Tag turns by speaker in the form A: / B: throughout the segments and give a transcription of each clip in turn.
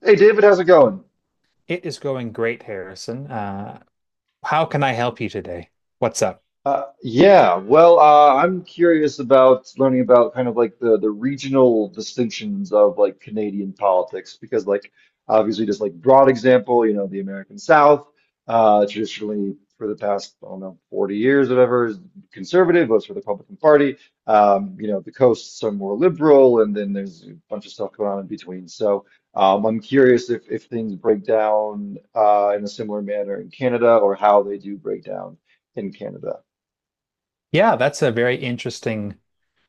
A: Hey David, how's it going?
B: It is going great, Harrison. How can I help you today? What's up?
A: I'm curious about learning about kind of like the regional distinctions of like Canadian politics because like obviously just like broad example, you know, the American South, traditionally for the past, I don't know, 40 years or whatever, is conservative, votes for the Republican Party. You know, the coasts are more liberal, and then there's a bunch of stuff going on in between. So, I'm curious if things break down in a similar manner in Canada or how they do break down in Canada.
B: Yeah, that's a very interesting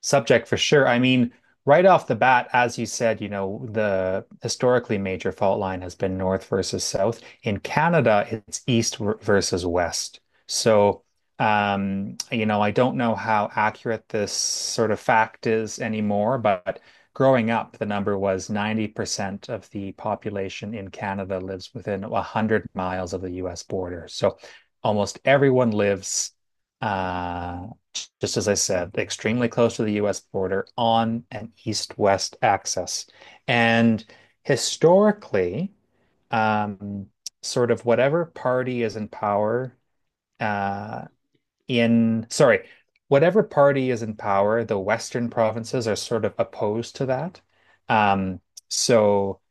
B: subject for sure. I mean, right off the bat, as you said, you know, the historically major fault line has been north versus south. In Canada, it's versus west. So, you know, I don't know how accurate this sort of fact is anymore, but growing up, the number was 90% of the population in Canada lives within 100 miles of the US border. So almost everyone lives uh just as I said, extremely close to the US border on an east-west axis. And historically, um, sort of whatever party is in power uh, in, sorry, whatever party is in power, the Western provinces are sort of opposed to that. Um, so,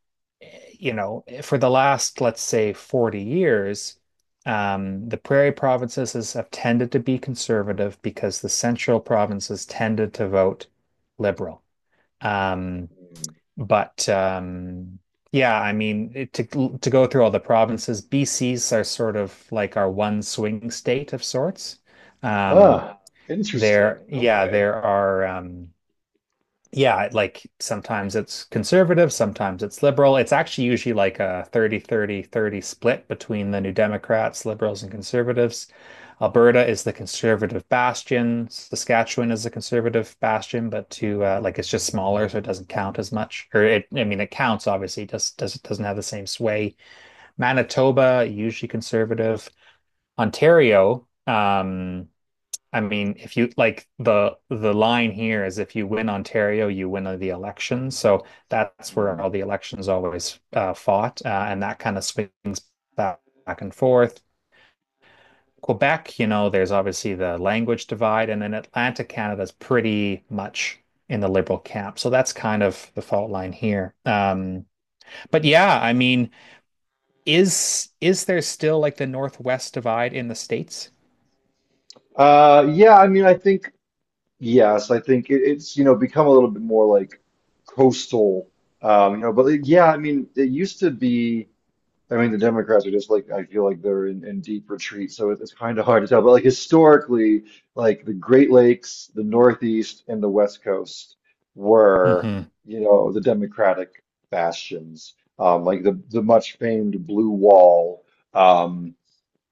B: you know, for the last, let's say, 40 years, the have tended to be conservative because the central provinces tended to vote liberal. Um,
A: Mm.
B: but yeah, I mean, to go through all the provinces, BC's are sort of like our one swing state of sorts. Um,
A: Huh.
B: there,
A: Interesting.
B: yeah,
A: Okay.
B: there are. Yeah, like sometimes it's conservative, sometimes it's liberal. It's actually usually like a 30, 30, 30 split between the New Democrats, liberals, and conservatives. Alberta is the conservative bastion. Saskatchewan is the conservative bastion, but to like it's just smaller, so it doesn't count as much. I mean, it counts obviously, it just doesn't have the same sway. Manitoba usually conservative. Ontario, I mean, if you like the line here is if you win Ontario, you win the election. So that's where
A: Mm.
B: all the elections always fought, and that kind of swings back and forth. Quebec, you know, there's obviously the language divide, and then Atlantic Canada is pretty much in the liberal camp. So that's kind of the fault line here. But yeah, I mean, is there still like the Northwest divide in the states?
A: Yeah, I mean, yes, I think it's, you know, become a little bit more like coastal, you know, but like, yeah, I mean, it used to be. I mean, the Democrats are just like, I feel like they're in deep retreat, so it's kind of hard to tell. But like historically, like the Great Lakes, the Northeast, and the West Coast were,
B: Mm-hmm.
A: you know, the Democratic bastions. Like the much famed Blue Wall, um,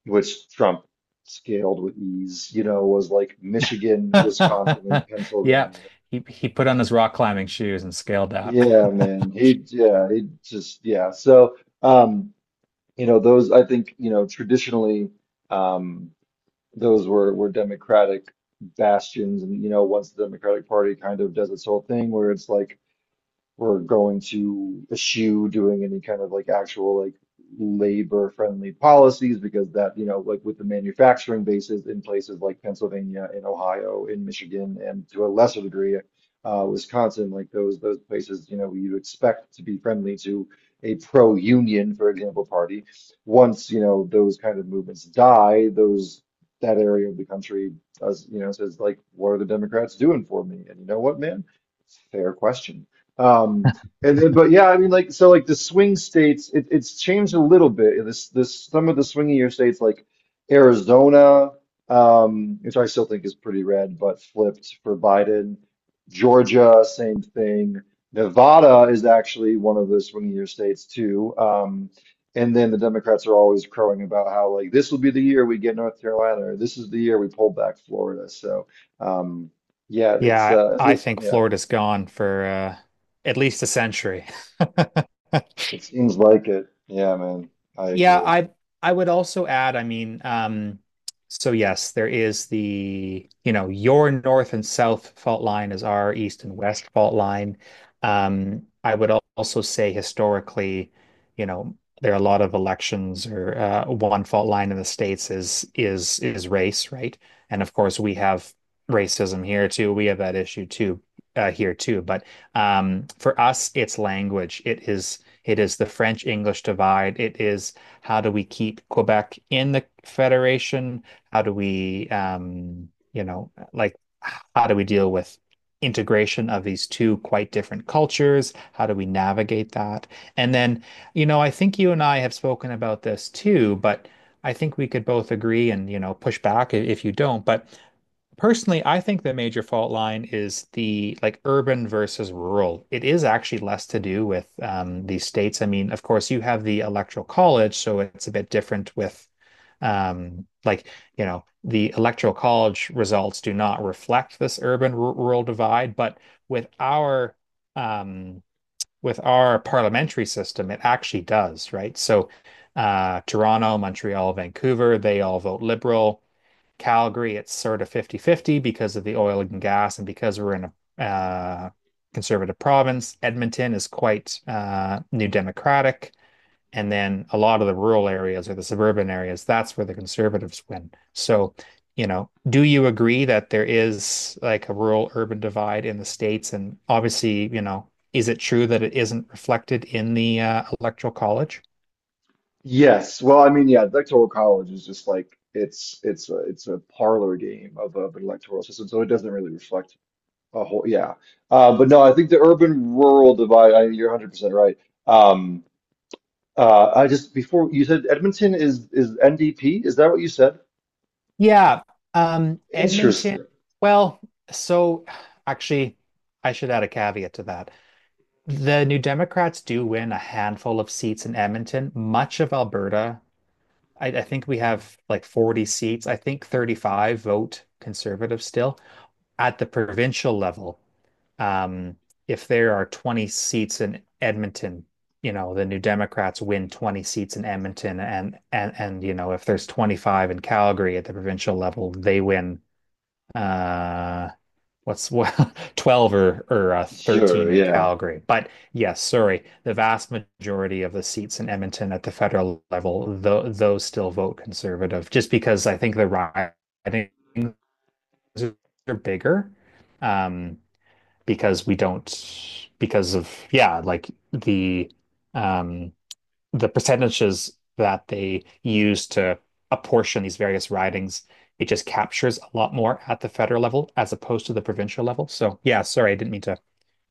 A: which Trump scaled with ease, you know, was like Michigan, Wisconsin, and
B: Yeah,
A: Pennsylvania.
B: he put on his rock climbing shoes and scaled out.
A: Yeah, man. He, yeah, he just, yeah. So. Um, You know, those I think, you know, traditionally, um, those were Democratic bastions, and you know, once the Democratic Party kind of does its whole thing, where it's like we're going to eschew doing any kind of like actual like labor friendly policies because that, you know, like with the manufacturing bases in places like Pennsylvania, in Ohio, in Michigan, and to a lesser degree, Wisconsin, like those places, you know, you would expect to be friendly to a pro-union, for example, party. Once, you know, those kind of movements die, those that area of the country does, you know, says like, what are the Democrats doing for me? And you know what, man? Fair question. Um, but yeah, I mean, like, so like the swing states, it's changed a little bit. Some of the swingier states like Arizona, which I still think is pretty red, but flipped for Biden. Georgia, same thing. Nevada is actually one of the swingier states too. And then the Democrats are always crowing about how like this will be the year we get North Carolina, or this is the year we pull back Florida. So, um, yeah,
B: Yeah, I think
A: yeah.
B: Florida's gone for at least a century.
A: It seems like it. Yeah, man. I
B: Yeah,
A: agree.
B: I would also add, I mean, so yes, there is you know, your north and south fault line is our east and west fault line. I would also say historically, you know, there are a lot of elections or one fault line in the States is race, right? And of course we have racism here too. We have that issue too here too. But for us, it's language. It is the French English divide. It is how do we keep Quebec in the Federation? How do we, you know, like, how do we deal with integration of these two quite different cultures? How do we navigate that? And then, you know, I think you and I have spoken about this too, but I think we could both agree and, you know, push back if you don't, but personally, I think the major fault line is the like urban versus rural. It is actually less to do with these states. I mean, of course, you have the electoral college, so it's a bit different with um, like, you know, the electoral college results do not reflect this urban rural divide, but with our um, with our parliamentary system, it actually does, right? So Toronto, Montreal, Vancouver, they all vote liberal. Calgary, it's sort of 50-50 because of the oil and gas and because we're in a conservative province. Edmonton is quite New Democratic. And then a lot of the rural areas or the suburban areas, that's where the conservatives win. So, you know, do you agree that there is like a rural urban divide in the states? And obviously, you know, is it true that it isn't reflected in the electoral college?
A: Yes. Well, I mean, yeah, the electoral college is just like it's a parlor game of an electoral system, so it doesn't really reflect a whole. Yeah. But no, I think the urban rural divide. You're 100% right. Um, I just before you said Edmonton is NDP. Is that what you said?
B: Yeah, Edmonton.
A: Interesting.
B: Well, so actually, I should add a caveat to that. The New Democrats do win a handful of seats in Edmonton, much of Alberta. I think we have like 40 seats. I think 35 vote conservative still. At the provincial level, um, if there are 20 seats in Edmonton, you know, the New Democrats win 20 seats in Edmonton and you know, if there's 25 in Calgary at the provincial level, they win uh what's well 12 or
A: Sure.
B: 13 in
A: Yeah.
B: Calgary. But yes, sorry, the vast majority of the seats in Edmonton at the federal level, though those still vote conservative, just because I think the ridings are bigger. Um, because we don't because of yeah, like um the percentages that they use to apportion these various ridings, it just captures a lot more at the federal level as opposed to the provincial level. So, yeah, sorry, I didn't mean to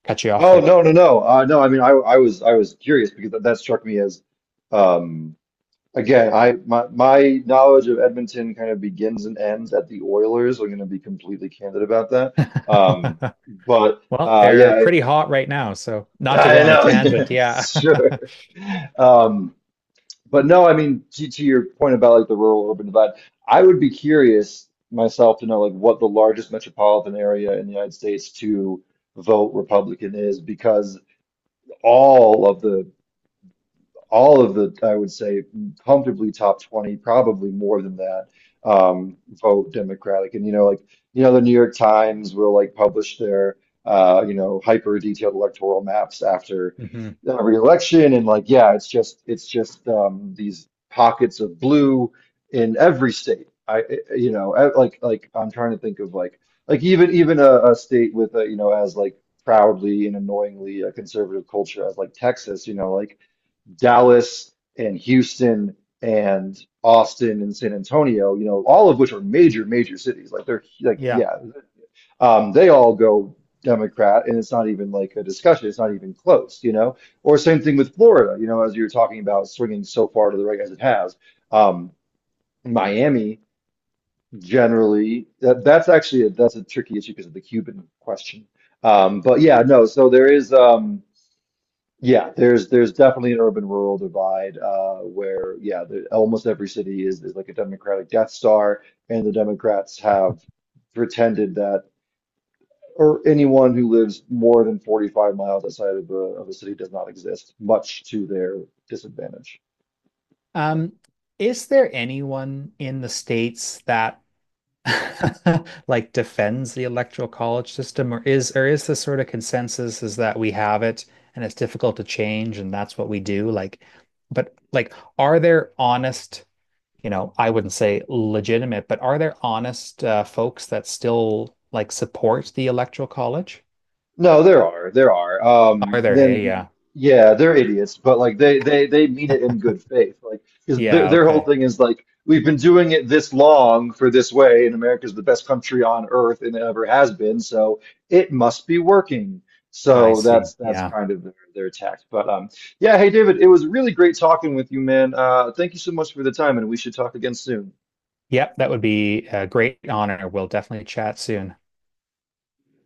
B: cut you off
A: Oh
B: there.
A: no no no. No. I mean, I was curious because that struck me as. um, Again, I my knowledge of Edmonton kind of begins and ends at the Oilers. I'm going to be completely candid about that. Um, but
B: Well, they're
A: yeah,
B: pretty hot right now, so not to go
A: I
B: on a
A: know.
B: tangent,
A: Yeah,
B: yeah.
A: sure. Um, but no, I mean to your point about like the rural urban divide, I would be curious myself to know like what the largest metropolitan area in the United States to vote Republican is because all of the all of the, I would say, comfortably top 20, probably more than that, um, vote Democratic. And, you know, like, you know, the New York Times will like publish their, you know, hyper detailed electoral maps after
B: Mhm.
A: every election. And like, yeah, it's just these pockets of blue in every state. I, you know, I- like I'm trying to think of like even, even a state with a, you know, as like, proudly and annoyingly a conservative culture as like Texas, you know, like Dallas and Houston and Austin and San Antonio, you know, all of which are major, major cities. Like they're like,
B: Yeah.
A: yeah, they all go Democrat, and it's not even like a discussion. It's not even close, you know. Or same thing with Florida, you know, as you were talking about swinging so far to the right as it has. Um, Miami generally, that's actually that's a tricky issue because of the Cuban question. But yeah, no. So there is. Yeah, there's definitely an urban rural divide where yeah, almost every city is like a Democratic Death Star, and the Democrats have pretended that or anyone who lives more than 45 miles outside of of a city does not exist, much to their disadvantage. So.
B: Um, is there anyone in the States that like defends the electoral college system, or is the sort of consensus is that we have it and it's difficult to change and that's what we do? But like, are there honest, you know, I wouldn't say legitimate, but are there honest folks that still like support the electoral college?
A: No, there are. There are.
B: Are there? Hey,
A: Then
B: yeah,
A: yeah, they're idiots, but like they mean it in good faith. Like because
B: yeah,
A: their whole
B: okay,
A: thing is like we've been doing it this long for this way, and America's the best country on earth and it ever has been, so it must be working.
B: I
A: So
B: see,
A: that's
B: yeah,
A: kind of their tact. But yeah, hey David, it was really great talking with you, man. Thank you so much for the time and we should talk again soon.
B: yep. That would be a great honor. We'll definitely chat soon.